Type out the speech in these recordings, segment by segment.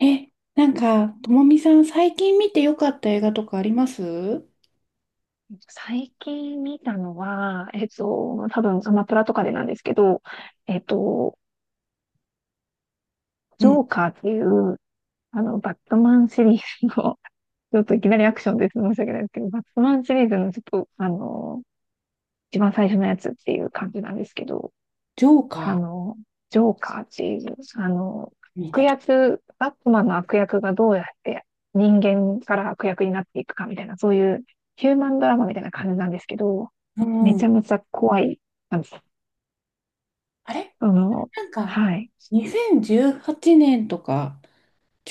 え、なんか、ともみさん、最近見てよかった映画とかありますう？最近見たのは、多分アマプラとかでなんですけど、えっと、ジん。ョーカーっていう、バットマンシリーズの、ちょっといきなりアクションです。申し訳ないですけど、バットマンシリーズのちょっと、一番最初のやつっていう感じなんですけど、ジョーあカの、ジョーカーっていう、ー見て悪る？役、悪魔の悪役がどうやって人間から悪役になっていくかみたいな、そういうヒューマンドラマみたいな感じなんですけど、うめちん。ゃめちゃ怖い。あれその、なんか、はい。2018年とか、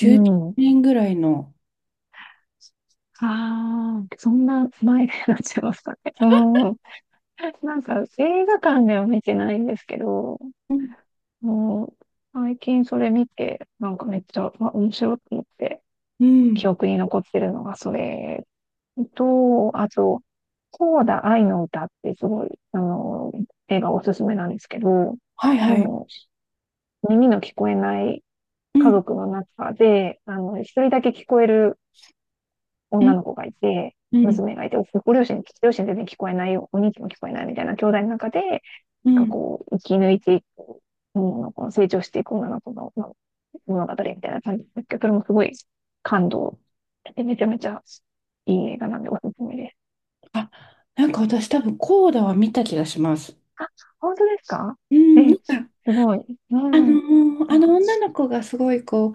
うん。年ぐらいの。ああ、そんな前になっちゃいましたね。うん。なんか映画館では見てないんですけど、うん。もう最近それ見て、なんかめっちゃ、まあ、面白いと思って、うん、記憶に残ってるのがそれと、あと、コーダ愛の歌ってすごい、映画おすすめなんですけど、はいあはい。の、耳の聞こえないう家ん。族の中で、一人だけ聞こえるう女ん。の子がいて、うん。娘がいて、ご両親、両親全然聞こえないよ、お兄貴も聞こえないみたいな兄弟の中で、なんうかん。こう、生き抜いていく、女の子の成長していく女の子の物語みたいな感じですけど、それもすごい感動して、めちゃめちゃいい映画なんでおすすめです。あ、なんか私多分、コーダは見た気がします。あ、本当ですか？うん。なえ、んか、すごい。うあのん。ーああの女その子がすごいこう、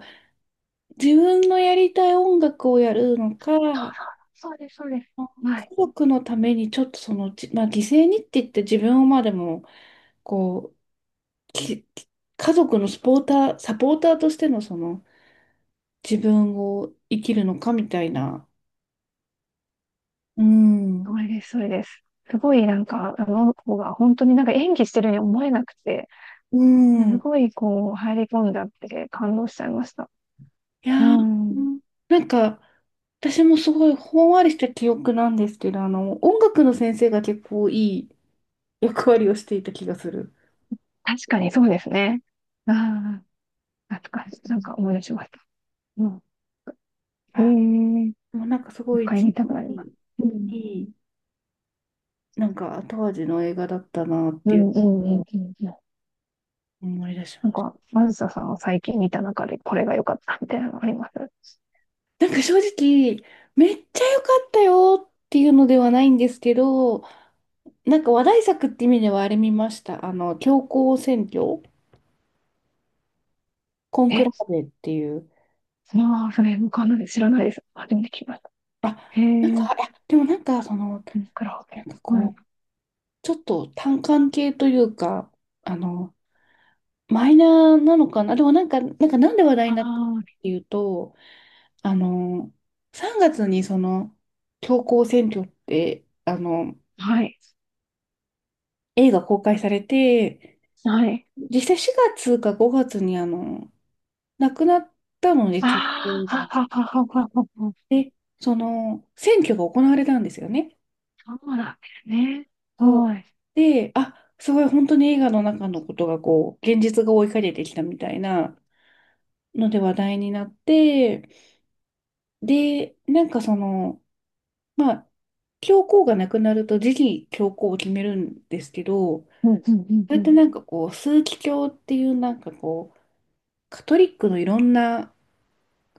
自分のやりたい音楽をやるのか、うそうです、そうです。あはい。家族のためにちょっとその、まあ、犠牲にって言って自分を、まあでもこう、き家族のスポーターサポーターとしてのその自分を生きるのかみたいな。うそん。れです、それです。すごいなんか、あの子が本当になんか演技してるように思えなくて、うん。すいごいこう入り込んじゃって感動しちゃいました。うやー、うん。ん、なんか私もすごいほんわりした記憶なんですけど、あの音楽の先生が結構いい役割をしていた気がする。確かにそうですね。ああ、懐かしい。なんか思い出しました。うん。へあ、え、もうなんかすご一い回じん見たくわなります。りうん。いい、なんか後味の映画だったなっうていう。ん、うん、うん、うん。うん、思い出しなんましか、マずささんを最近見た中でこれが良かったみたいなのあります？た。なんか正直、めっちゃ良かったよっていうのではないんですけど、なんか話題作って意味ではあれ見ました。あの、教皇選挙、コンクラえ、ーベっていう。まあ、それ、わかんないです知らないです。初めて聞きました。あ、へなんえ、か、いや、でもなんかその、クラオなケ。んかはい。こう、ちょっと単管系というか、あの、マイナーなのかな。でもなんかなんで話題になったかっあていうと、あの、3月にその、教皇選挙って、あの、あ、はい。映画公開されて、はい。実際4月か5月にあの、亡くなったので、あ教皇あ、はが。ははははは。で、その、選挙が行われたんですよね。そうなんですね。そうはい。で、あ、すごい本当に映画の中のことがこう、現実が追いかけてきたみたいなので話題になって、で、なんかその、まあ、教皇が亡くなると次期教皇を決めるんですけど、うん、うん、それうっん、てなんかこう、枢機卿っていうなんかこう、カトリックのいろんな、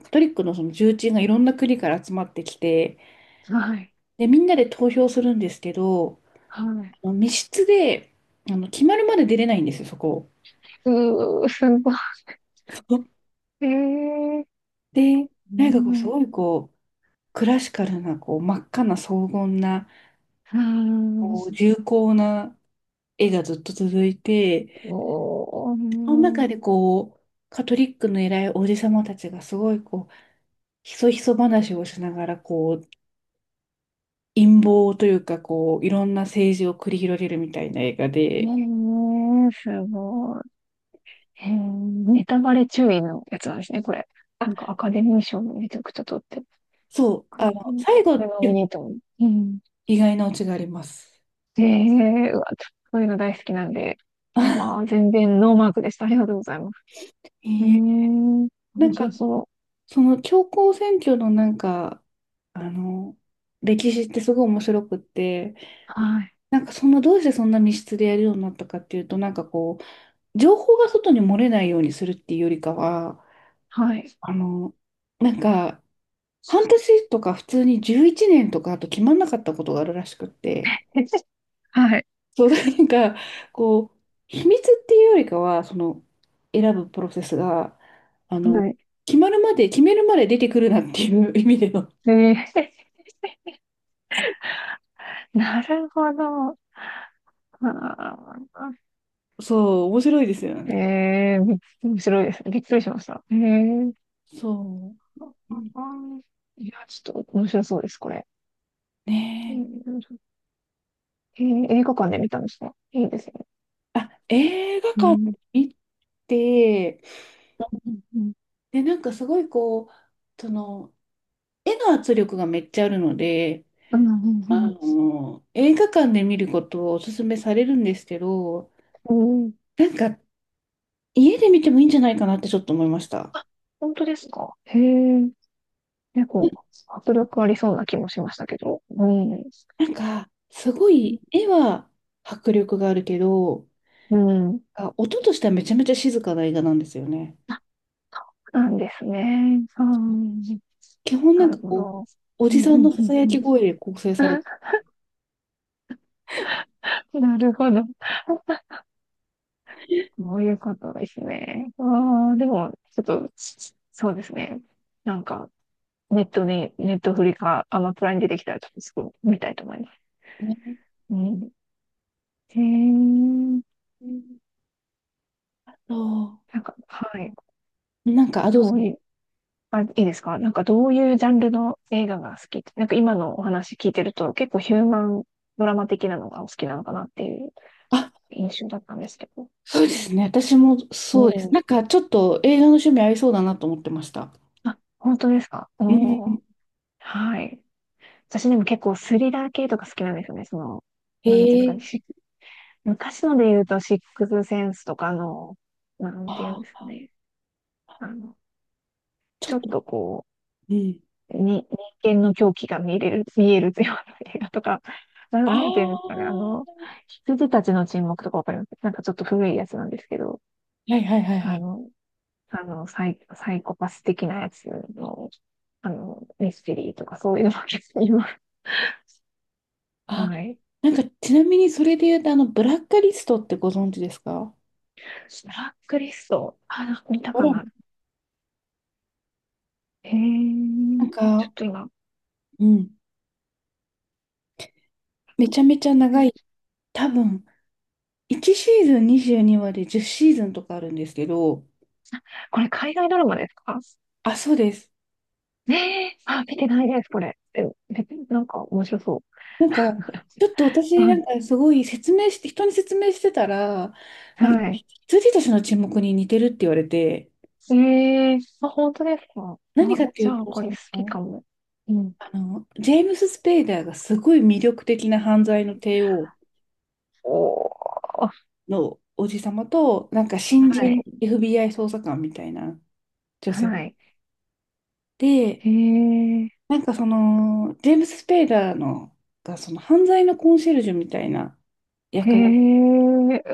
カトリックのその重鎮がいろんな国から集まってきて、うん。はい。で、みんなで投票するんですけど、はい。あの密室で、あの、決まるまで出れないんですよ、そこ。うー、すごい。えー、で、うなんかこう、すん。ごいこう、クラシカルな、こう、真っ赤な荘厳な、うん。こう、重厚な絵がずっと続いおて、そのー中でこう、カトリックの偉いおじさまたちがすごいこう、ひそひそ話をしながら、こう、陰謀というか、こう、いろんな政治を繰り広げるみたいな映画えで、ー、すごい。えー、ネタバレ注意のやつなんですね、これ。なんあ、かアカデミー賞もめちゃくちゃ取ってる。そう、あうの、ん、最そ後、れが見に行っても。うん。意外なオチがあります。えー、うわ、そういうの大好きなんで。まあ、全然ノーマークでした。ありがとうございます。えうーーん。な面んか、白そう。その教皇選挙のなんか、あの、歴史ってすごい面白くって、はい。なんかそんな、どうしてそんな密室でやるようになったかっていうと、なんかこう、情報が外に漏れないようにするっていうよりかは、はい。あの、なんか、半年とか普通に11年とかあと決まんなかったことがあるらしくって、はい。そう、なんか、こう、秘密っていうよりかは、その、選ぶプロセスが、あはの、い。決めるまで出てくるなっていう意味での。えー、なるほど。あそう、面白いですよね。ーね、えー、び面白いです。びっくりしました。えー、そう。うあん、ーいや、ちょっと面白そうです、これ。えねー、えー映画館で見たんですか？いいですね。え。あ、映画う館ん。見て、うん。うん。で、なんかすごいこう、その、絵の圧力がめっちゃあるので、うんうあんの、映画館で見ることをおすすめされるんですけど、うん、なんか、家で見てもいいんじゃないかなってちょっと思いました。あ、本当ですか？へえ。結構、迫力ありそうな気もしましたけど。うん。なんか、すごい、絵は迫力があるけど、うん。あ、音としてはめちゃめちゃ静かな映画なんですよね。なんですね。うん。基本ななんるかほこう、ど。おうじんうさんのんさうさんやうん き声で構成されて なるほど。そういうことですね。ああ、でも、ちょっと、そうですね。なんか、ネットに、ネットフリか、アマプラに出てきたら、ちょっとすぐ見たいと思います。るね。うん。へえ、うん、そなんか、はい。う。なんか、あ、どうぞ。どういう、あ、いいですか？なんか、どういうジャンルの映画が好きって、なんか今のお話聞いてると、結構ヒューマンドラマ的なのがお好きなのかなっていうあ、印象だったんですけど。そうですね。私もうそうです。なん。んか、ちょっと映画の趣味合いそうだなと思ってました。あ、本当ですか？うおん。はい。私でも結構スリラー系とか好きなんですよね。その、へなんていうんですかえ。ね。し昔ので言うと、シックスセンスとかの、なんていうんあですかあ、ね。あの、ちょちっょっと、とこうん。う、に、人間の狂気が見れる、見えるような映画とか、な、あなんていうんですかね。あ。羊たちの沈黙とかわかります？なんかちょっと古いやつなんですけど、はいはいはいはあい。の、サイ、サイコパス的なやつの、ミステリーとかそういうのも結構今、あ、はい。なんか、ちなみにそれで言うと、あの、ブラックリストってご存知ですか？ブトラックリスト。あ、なんか見たほから、な。へなー、んちょっか、と今。うん。めちゃめちゃ長い。多分、1シーズン22話で10シーズンとかあるんですけど、これ海外ドラマですか？あ、そうです。ねえ。あ、見てないです、これ。え、めなんか面白そう。なんか、ちょっと 私、はない。んかすごい説明して、人に説明してたら、なんか、はい。羊たちの沈黙に似てるって言われて、ええあ、本当ですか？何あ、かっていじうゃあと、こそれ好きの、かも。うん。あの、ジェームス・スペイダーがすごい魅力的な犯罪の帝王おー。のおじさまと、なんか新は人 い。FBI 捜査官みたいな女性はい。で、へえ。なんかその、ジェームス・スペイダーのが、その犯罪のコンシェルジュみたいなへ役を、え。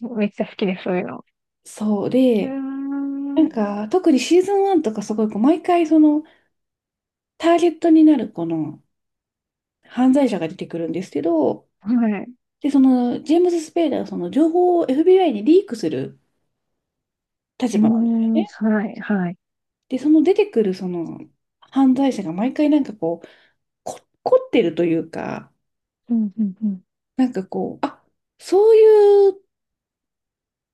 うわめっちゃ好きです、そういうの。そううーで、ん。なはんか特にシーズン1とかすごいこう毎回そのターゲットになるこの犯罪者が出てくるんですけど、い。うで、そのジェームス・スペイダーはその情報を FBI にリークする立ー場なんですよん。ね。はい。はい。で、その出てくるその犯罪者が毎回なんかこう、こ、凝ってるというか、うん、うん、うん。なんかこう、あ、そういう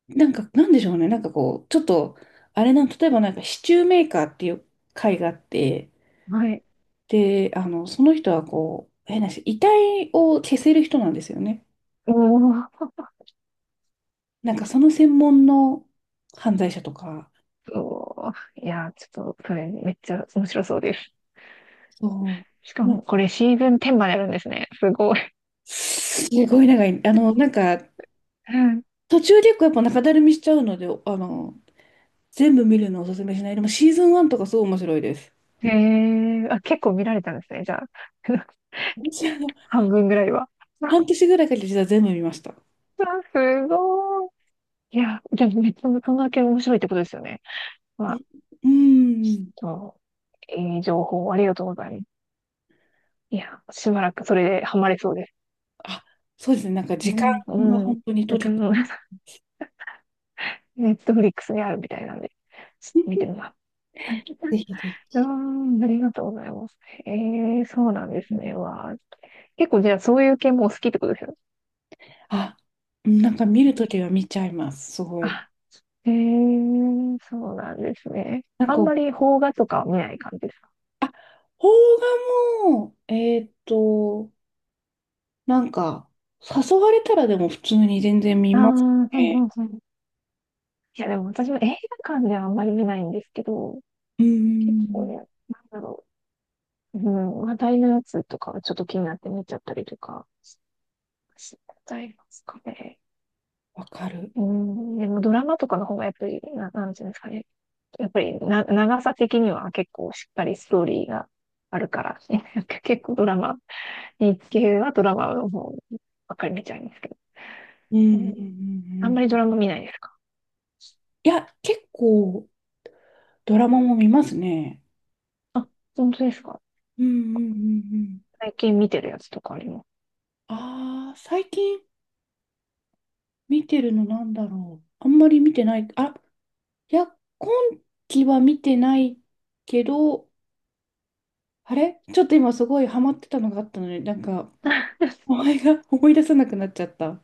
なんか、なんでしょうね。なんかこう、ちょっと、あれなん、例えばなんかシチューメーカーっていう会があって、はい。で、あの、その人はこう、変な話、遺体を消せる人なんですよね。おー、なんかその専門の犯罪者とか、そう。いやー、ちょっと、それめっちゃ面白そうです。そしかう。も、これシーズン10まであるんですね。すごい。すごい長い。あの、なんか、うん、途中で結構やっぱ中だるみしちゃうので、あの、全部見るのをおすすめしない。でもシーズン1とかすごい面白いです。へえ、あ、結構見られたんですね、じゃあ。私、あの、半分ぐらいは。あ、半年ぐらいかけて実は全部見ました。あすごい。いや、じゃあ、めっちゃそんだけ面白いってことですよね。まあ、うん。そう、いい情報ありがとうございます。いや、しばらくそれでハマれそうです。あ、そうですね。なんか時う間ん。がう本ん。当に解だかけて、ら、ネットフリックスにあるみたいなんで、ちょっと見てみます。ぜひぜひ。あーんありがとうございます。へえ、そうなんですね。わあ、結構じゃあそういう系もお好きってことですよ。あ、なんか見るときは見ちゃいます。すごい。あ、へえ、そうなんですね。なんあか、んまり邦画とかは見ない感じですか？あ、邦画も、ーっと、なんか、誘われたらでも普通に全然見ああますー、はいね。はいはい。いや、でも私も映画館ではあんまり見ないんですけど、う結構ん、ね、なんだろう。うん、話題のやつとかはちょっと気になって見ちゃったりとかしちゃいますかね。わかる。うん、でもドラマとかの方がやっぱり、な、なんていうんですかね。やっぱりな、長さ的には結構しっかりストーリーがあるから、ね 結構ドラマ、日系はドラマの方ばっかり見ちゃいますけど、うん、ううん、うん、あんまんりうドん。ラマ見ないですか？いや、結構ドラマも見ますね。あ、本当ですか？うん、うん、うん、うん。最近見てるやつとかあります？ああ、最近見てるのなんだろう。あんまり見てない。あ、いや、今期は見てないけど、あれちょっと今すごいハマってたのがあったのに、なんか、名前が思い出さなくなっちゃった。